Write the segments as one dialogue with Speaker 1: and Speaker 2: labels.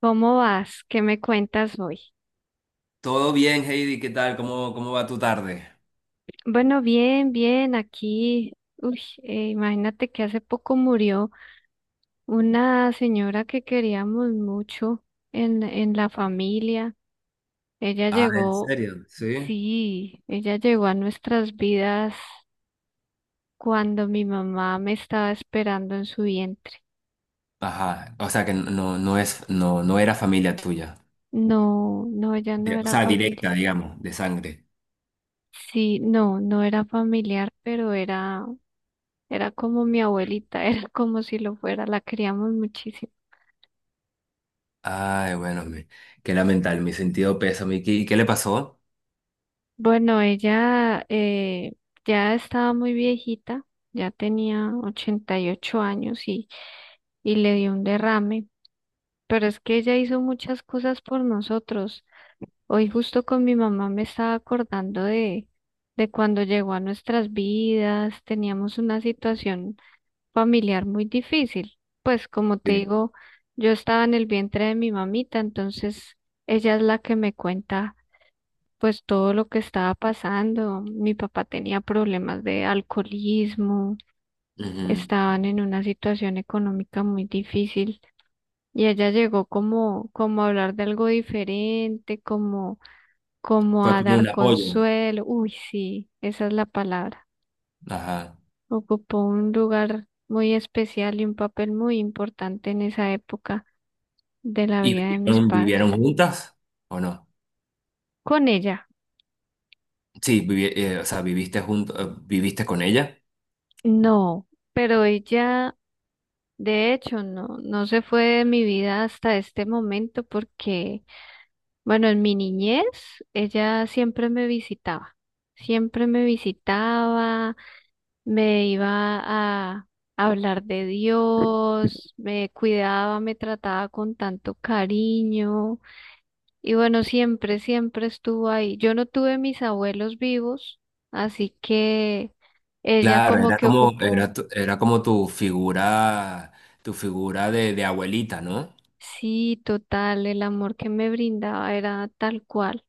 Speaker 1: ¿Cómo vas? ¿Qué me cuentas hoy?
Speaker 2: Todo bien, Heidi, ¿qué tal? ¿Cómo va tu tarde?
Speaker 1: Bueno, bien, bien, aquí, uy, imagínate que hace poco murió una señora que queríamos mucho en la familia. Ella
Speaker 2: Ah, ¿en
Speaker 1: llegó,
Speaker 2: serio? Sí.
Speaker 1: sí, ella llegó a nuestras vidas cuando mi mamá me estaba esperando en su vientre.
Speaker 2: Ajá, o sea que no, no es, no, no era familia tuya.
Speaker 1: No, no, ella no
Speaker 2: O
Speaker 1: era
Speaker 2: sea,
Speaker 1: familia.
Speaker 2: directa, digamos, de sangre.
Speaker 1: Sí, no, no era familiar, pero era, era como mi abuelita, era como si lo fuera, la queríamos muchísimo.
Speaker 2: Ay, bueno, qué lamentable, mi sentido pesa. ¿Y qué le pasó?
Speaker 1: Bueno, ella ya estaba muy viejita, ya tenía 88 años y le dio un derrame, pero es que ella hizo muchas cosas por nosotros. Hoy justo con mi mamá me estaba acordando de cuando llegó a nuestras vidas, teníamos una situación familiar muy difícil. Pues como te
Speaker 2: Sí.
Speaker 1: digo, yo estaba en el vientre de mi mamita, entonces ella es la que me cuenta pues todo lo que estaba pasando. Mi papá tenía problemas de alcoholismo,
Speaker 2: Ujú.
Speaker 1: estaban en una situación económica muy difícil y ella llegó como, como a hablar de algo diferente, como, como
Speaker 2: Fue
Speaker 1: a
Speaker 2: como un
Speaker 1: dar
Speaker 2: apoyo.
Speaker 1: consuelo. Uy, sí, esa es la palabra.
Speaker 2: Ajá.
Speaker 1: Ocupó un lugar muy especial y un papel muy importante en esa época de la
Speaker 2: ¿Y
Speaker 1: vida de mis
Speaker 2: vivieron,
Speaker 1: padres.
Speaker 2: vivieron juntas o no?
Speaker 1: Con ella,
Speaker 2: Sí, o sea, viviste con ella.
Speaker 1: no, pero ella. De hecho, no, no se fue de mi vida hasta este momento porque, bueno, en mi niñez ella siempre me visitaba, me iba a hablar de Dios, me cuidaba, me trataba con tanto cariño y bueno, siempre, siempre estuvo ahí. Yo no tuve mis abuelos vivos, así que ella
Speaker 2: Claro,
Speaker 1: como
Speaker 2: era
Speaker 1: que
Speaker 2: como,
Speaker 1: ocupó.
Speaker 2: era, tu- era como tu figura, de abuelita, ¿no?
Speaker 1: Sí, total, el amor que me brindaba era tal cual.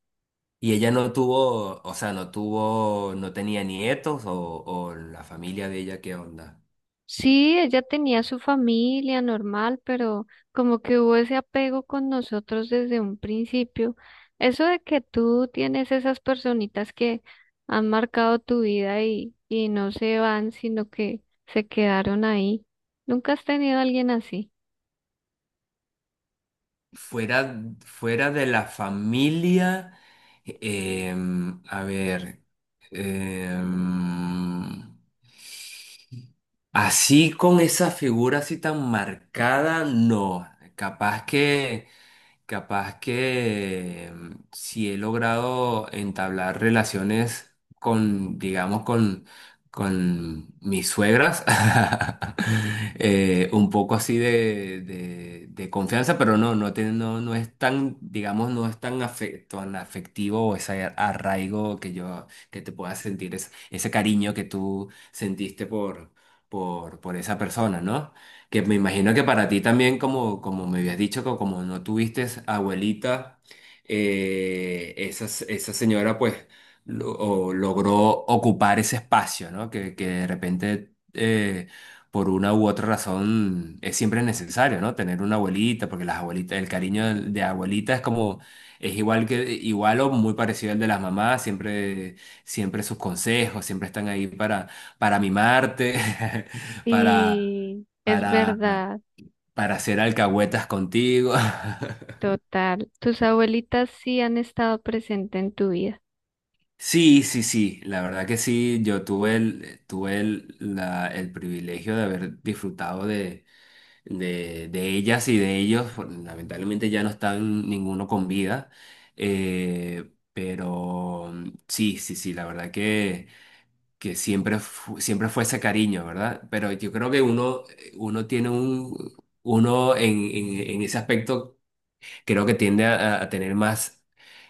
Speaker 2: Y ella no tuvo, o sea, no tenía nietos o la familia de ella, ¿qué onda?
Speaker 1: Sí, ella tenía su familia normal, pero como que hubo ese apego con nosotros desde un principio. Eso de que tú tienes esas personitas que han marcado tu vida y no se van, sino que se quedaron ahí. ¿Nunca has tenido a alguien así?
Speaker 2: Fuera de la familia, a ver, em, así con esa figura así tan marcada, no. Capaz que... Capaz que si he logrado entablar relaciones con, digamos, con mis suegras, un poco así de confianza, pero no es tan, digamos, no es tan, afe- tan afectivo o ese arraigo que te puedas sentir, ese cariño que tú sentiste por esa persona, ¿no? Que me imagino que para ti también, como, como me habías dicho, que como no tuviste abuelita, esa señora pues lo- o logró ocupar ese espacio, ¿no? Que de repente, por una u otra razón, es siempre necesario, ¿no? Tener una abuelita, porque las abuelitas, el cariño de abuelita es como, es igual que, igual o muy parecido al de las mamás, siempre, siempre sus consejos, siempre están ahí para mimarte, para
Speaker 1: Y es
Speaker 2: para,
Speaker 1: verdad,
Speaker 2: para hacer alcahuetas contigo.
Speaker 1: total. Tus abuelitas sí han estado presentes en tu vida.
Speaker 2: Sí, sí, sí, la verdad que sí, yo tuve el privilegio de haber disfrutado de, de ellas y de ellos, lamentablemente ya no están ninguno con vida, pero sí, sí, sí, la verdad que siempre, siempre fue ese cariño, ¿verdad? Pero yo creo que uno tiene un, uno en, en ese aspecto creo que tiende a tener más,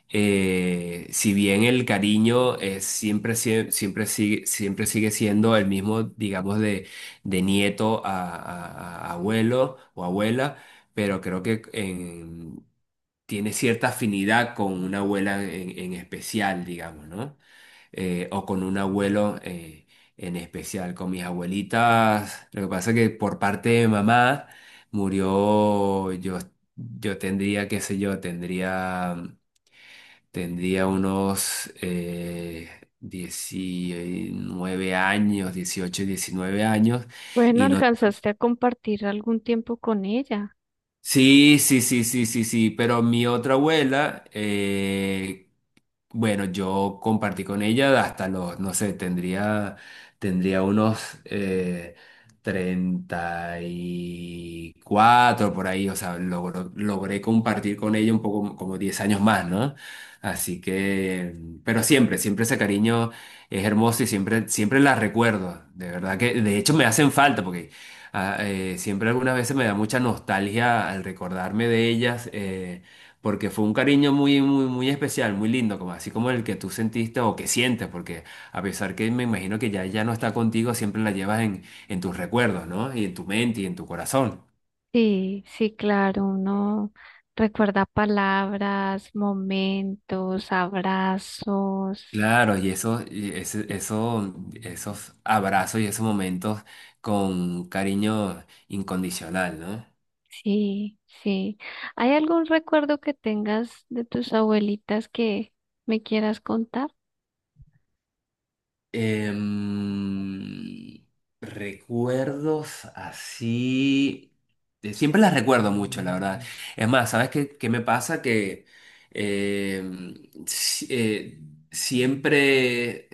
Speaker 2: si bien el cariño es siempre, sie- siempre sigue siendo el mismo, digamos, de nieto a abuelo o abuela, pero creo que tiene cierta afinidad con una abuela en especial, digamos, ¿no? O con un abuelo en especial. Con mis abuelitas, lo que pasa es que por parte de mamá murió, yo tendría, qué sé yo, tendría, unos 19 años, 18 19 años,
Speaker 1: Bueno,
Speaker 2: y no...
Speaker 1: alcanzaste a compartir algún tiempo con ella.
Speaker 2: Sí, sí, sí, sí, sí, sí, pero mi otra abuela, bueno, yo compartí con ella hasta los, no sé, tendría, unos eh, 34 por ahí, o sea, logré compartir con ella un poco como 10 años más, ¿no? Así que, pero siempre ese cariño es hermoso y siempre la recuerdo, de verdad que, de hecho me hacen falta porque siempre algunas veces me da mucha nostalgia al recordarme de ellas. Porque fue un cariño muy, muy, muy especial, muy lindo, como, así como el que tú sentiste o que sientes, porque a pesar que me imagino que ya no está contigo, siempre la llevas en tus recuerdos, ¿no? Y en tu mente y en tu corazón.
Speaker 1: Sí, sí, claro, uno recuerda palabras, momentos, abrazos.
Speaker 2: Claro, y eso, esos abrazos y esos momentos con cariño incondicional, ¿no?
Speaker 1: Sí, sí. ¿Hay algún recuerdo que tengas de tus abuelitas que me quieras contar?
Speaker 2: Em, recuerdos así. Siempre las recuerdo mucho, la verdad. Es más, ¿sabes qué me pasa? Que em, si- eh, siempre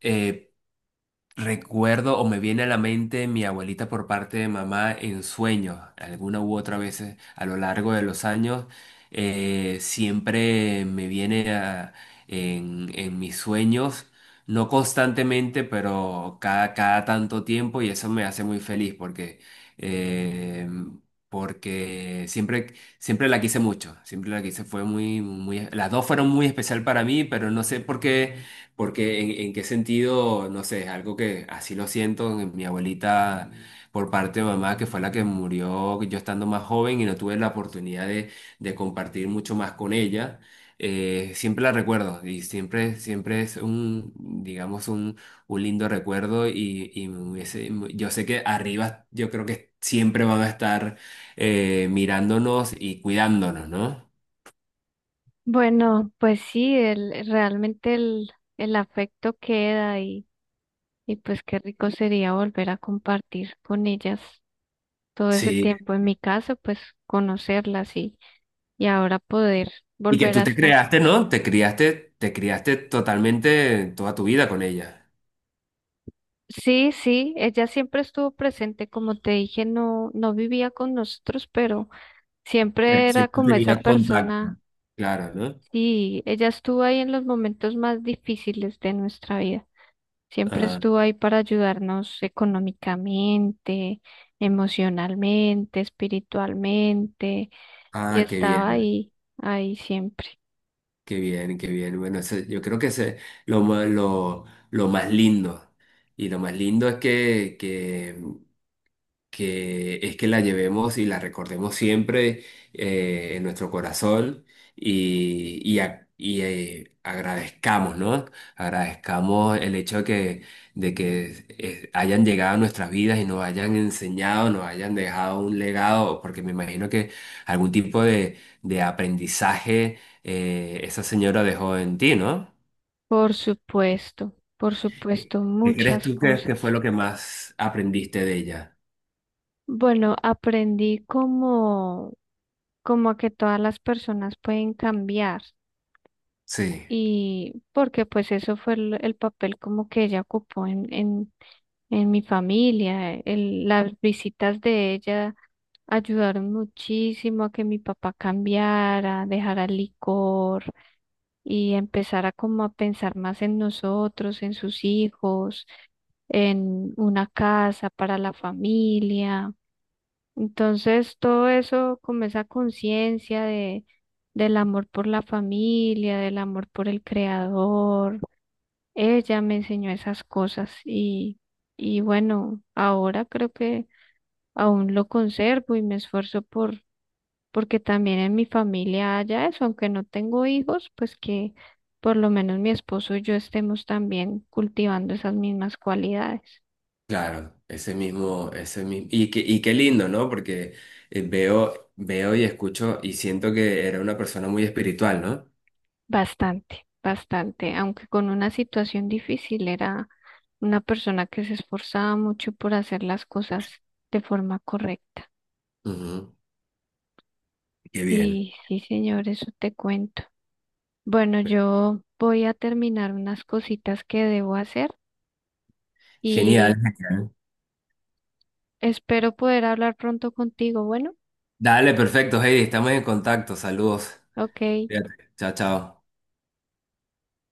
Speaker 2: eh, Recuerdo o me viene a la mente mi abuelita por parte de mamá en sueños, alguna u otra vez a lo largo de los años, siempre me viene en mis sueños, no constantemente, pero cada tanto tiempo y eso me hace muy feliz porque, eh, porque siempre la quise mucho, siempre la quise, fue las dos fueron muy especial para mí, pero no sé por qué. Porque en qué sentido, no sé, es algo que así lo siento, en mi abuelita por parte de mamá, que fue la que murió yo estando más joven y no tuve la oportunidad de, compartir mucho más con ella, siempre la recuerdo y siempre es un, digamos, un lindo recuerdo y yo sé que arriba yo creo que siempre van a estar mirándonos y cuidándonos, ¿no?
Speaker 1: Bueno, pues sí, el, realmente el afecto queda y pues qué rico sería volver a compartir con ellas todo ese
Speaker 2: Sí.
Speaker 1: tiempo. En mi caso, pues conocerlas y ahora poder
Speaker 2: Y que
Speaker 1: volver
Speaker 2: tú
Speaker 1: a
Speaker 2: te
Speaker 1: estar.
Speaker 2: creaste, ¿no? Te criaste totalmente toda tu vida con ella.
Speaker 1: Sí, sí, ella siempre estuvo presente, como te dije, no, no vivía con nosotros, pero
Speaker 2: Pero
Speaker 1: siempre era
Speaker 2: siempre
Speaker 1: como esa
Speaker 2: tenías contacto.
Speaker 1: persona
Speaker 2: Claro, ¿no?
Speaker 1: y ella estuvo ahí en los momentos más difíciles de nuestra vida. Siempre
Speaker 2: Ajá.
Speaker 1: estuvo ahí para ayudarnos económicamente, emocionalmente, espiritualmente y
Speaker 2: Ah, qué
Speaker 1: estaba
Speaker 2: bien,
Speaker 1: ahí, ahí siempre.
Speaker 2: qué bien, qué bien. Bueno, yo creo que ese es lo más, lo, lo más lindo. Y lo más lindo es que, es que la llevemos y la recordemos siempre en nuestro corazón y agradezcamos, ¿no? Agradezcamos el hecho de que, hayan llegado a nuestras vidas y nos hayan enseñado, nos hayan dejado un legado, porque me imagino que algún tipo de, aprendizaje esa señora dejó en ti, ¿no?
Speaker 1: Por supuesto,
Speaker 2: ¿Qué crees
Speaker 1: muchas
Speaker 2: tú que,
Speaker 1: cosas.
Speaker 2: que fue lo que más aprendiste de ella?
Speaker 1: Bueno, aprendí como, como a que todas las personas pueden cambiar
Speaker 2: Sí.
Speaker 1: y porque pues eso fue el papel como que ella ocupó en mi familia. El- las visitas de ella ayudaron muchísimo a que mi papá cambiara, dejara el licor y empezara como a pensar más en nosotros, en sus hijos, en una casa para la familia. Entonces, todo eso, como esa conciencia de, del amor por la familia, del amor por el creador, ella me enseñó esas cosas y bueno, ahora creo que aún lo conservo y me esfuerzo por, porque también en mi familia haya eso, aunque no tengo hijos, pues que por lo menos mi esposo y yo estemos también cultivando esas mismas cualidades.
Speaker 2: Claro, ese mismo, y qué lindo, ¿no? Porque veo y escucho y siento que era una persona muy espiritual, ¿no?
Speaker 1: Bastante, bastante, aunque con una situación difícil, era una persona que se esforzaba mucho por hacer las cosas de forma correcta.
Speaker 2: Ujú, qué bien.
Speaker 1: Sí, sí, señor, eso te cuento. Bueno, yo voy a terminar unas cositas que debo hacer
Speaker 2: Genial,
Speaker 1: y
Speaker 2: genial.
Speaker 1: espero poder hablar pronto contigo. Bueno,
Speaker 2: Dale, perfecto, Heidi, estamos en contacto, saludos.
Speaker 1: ok.
Speaker 2: Cuídate. Chao, chao.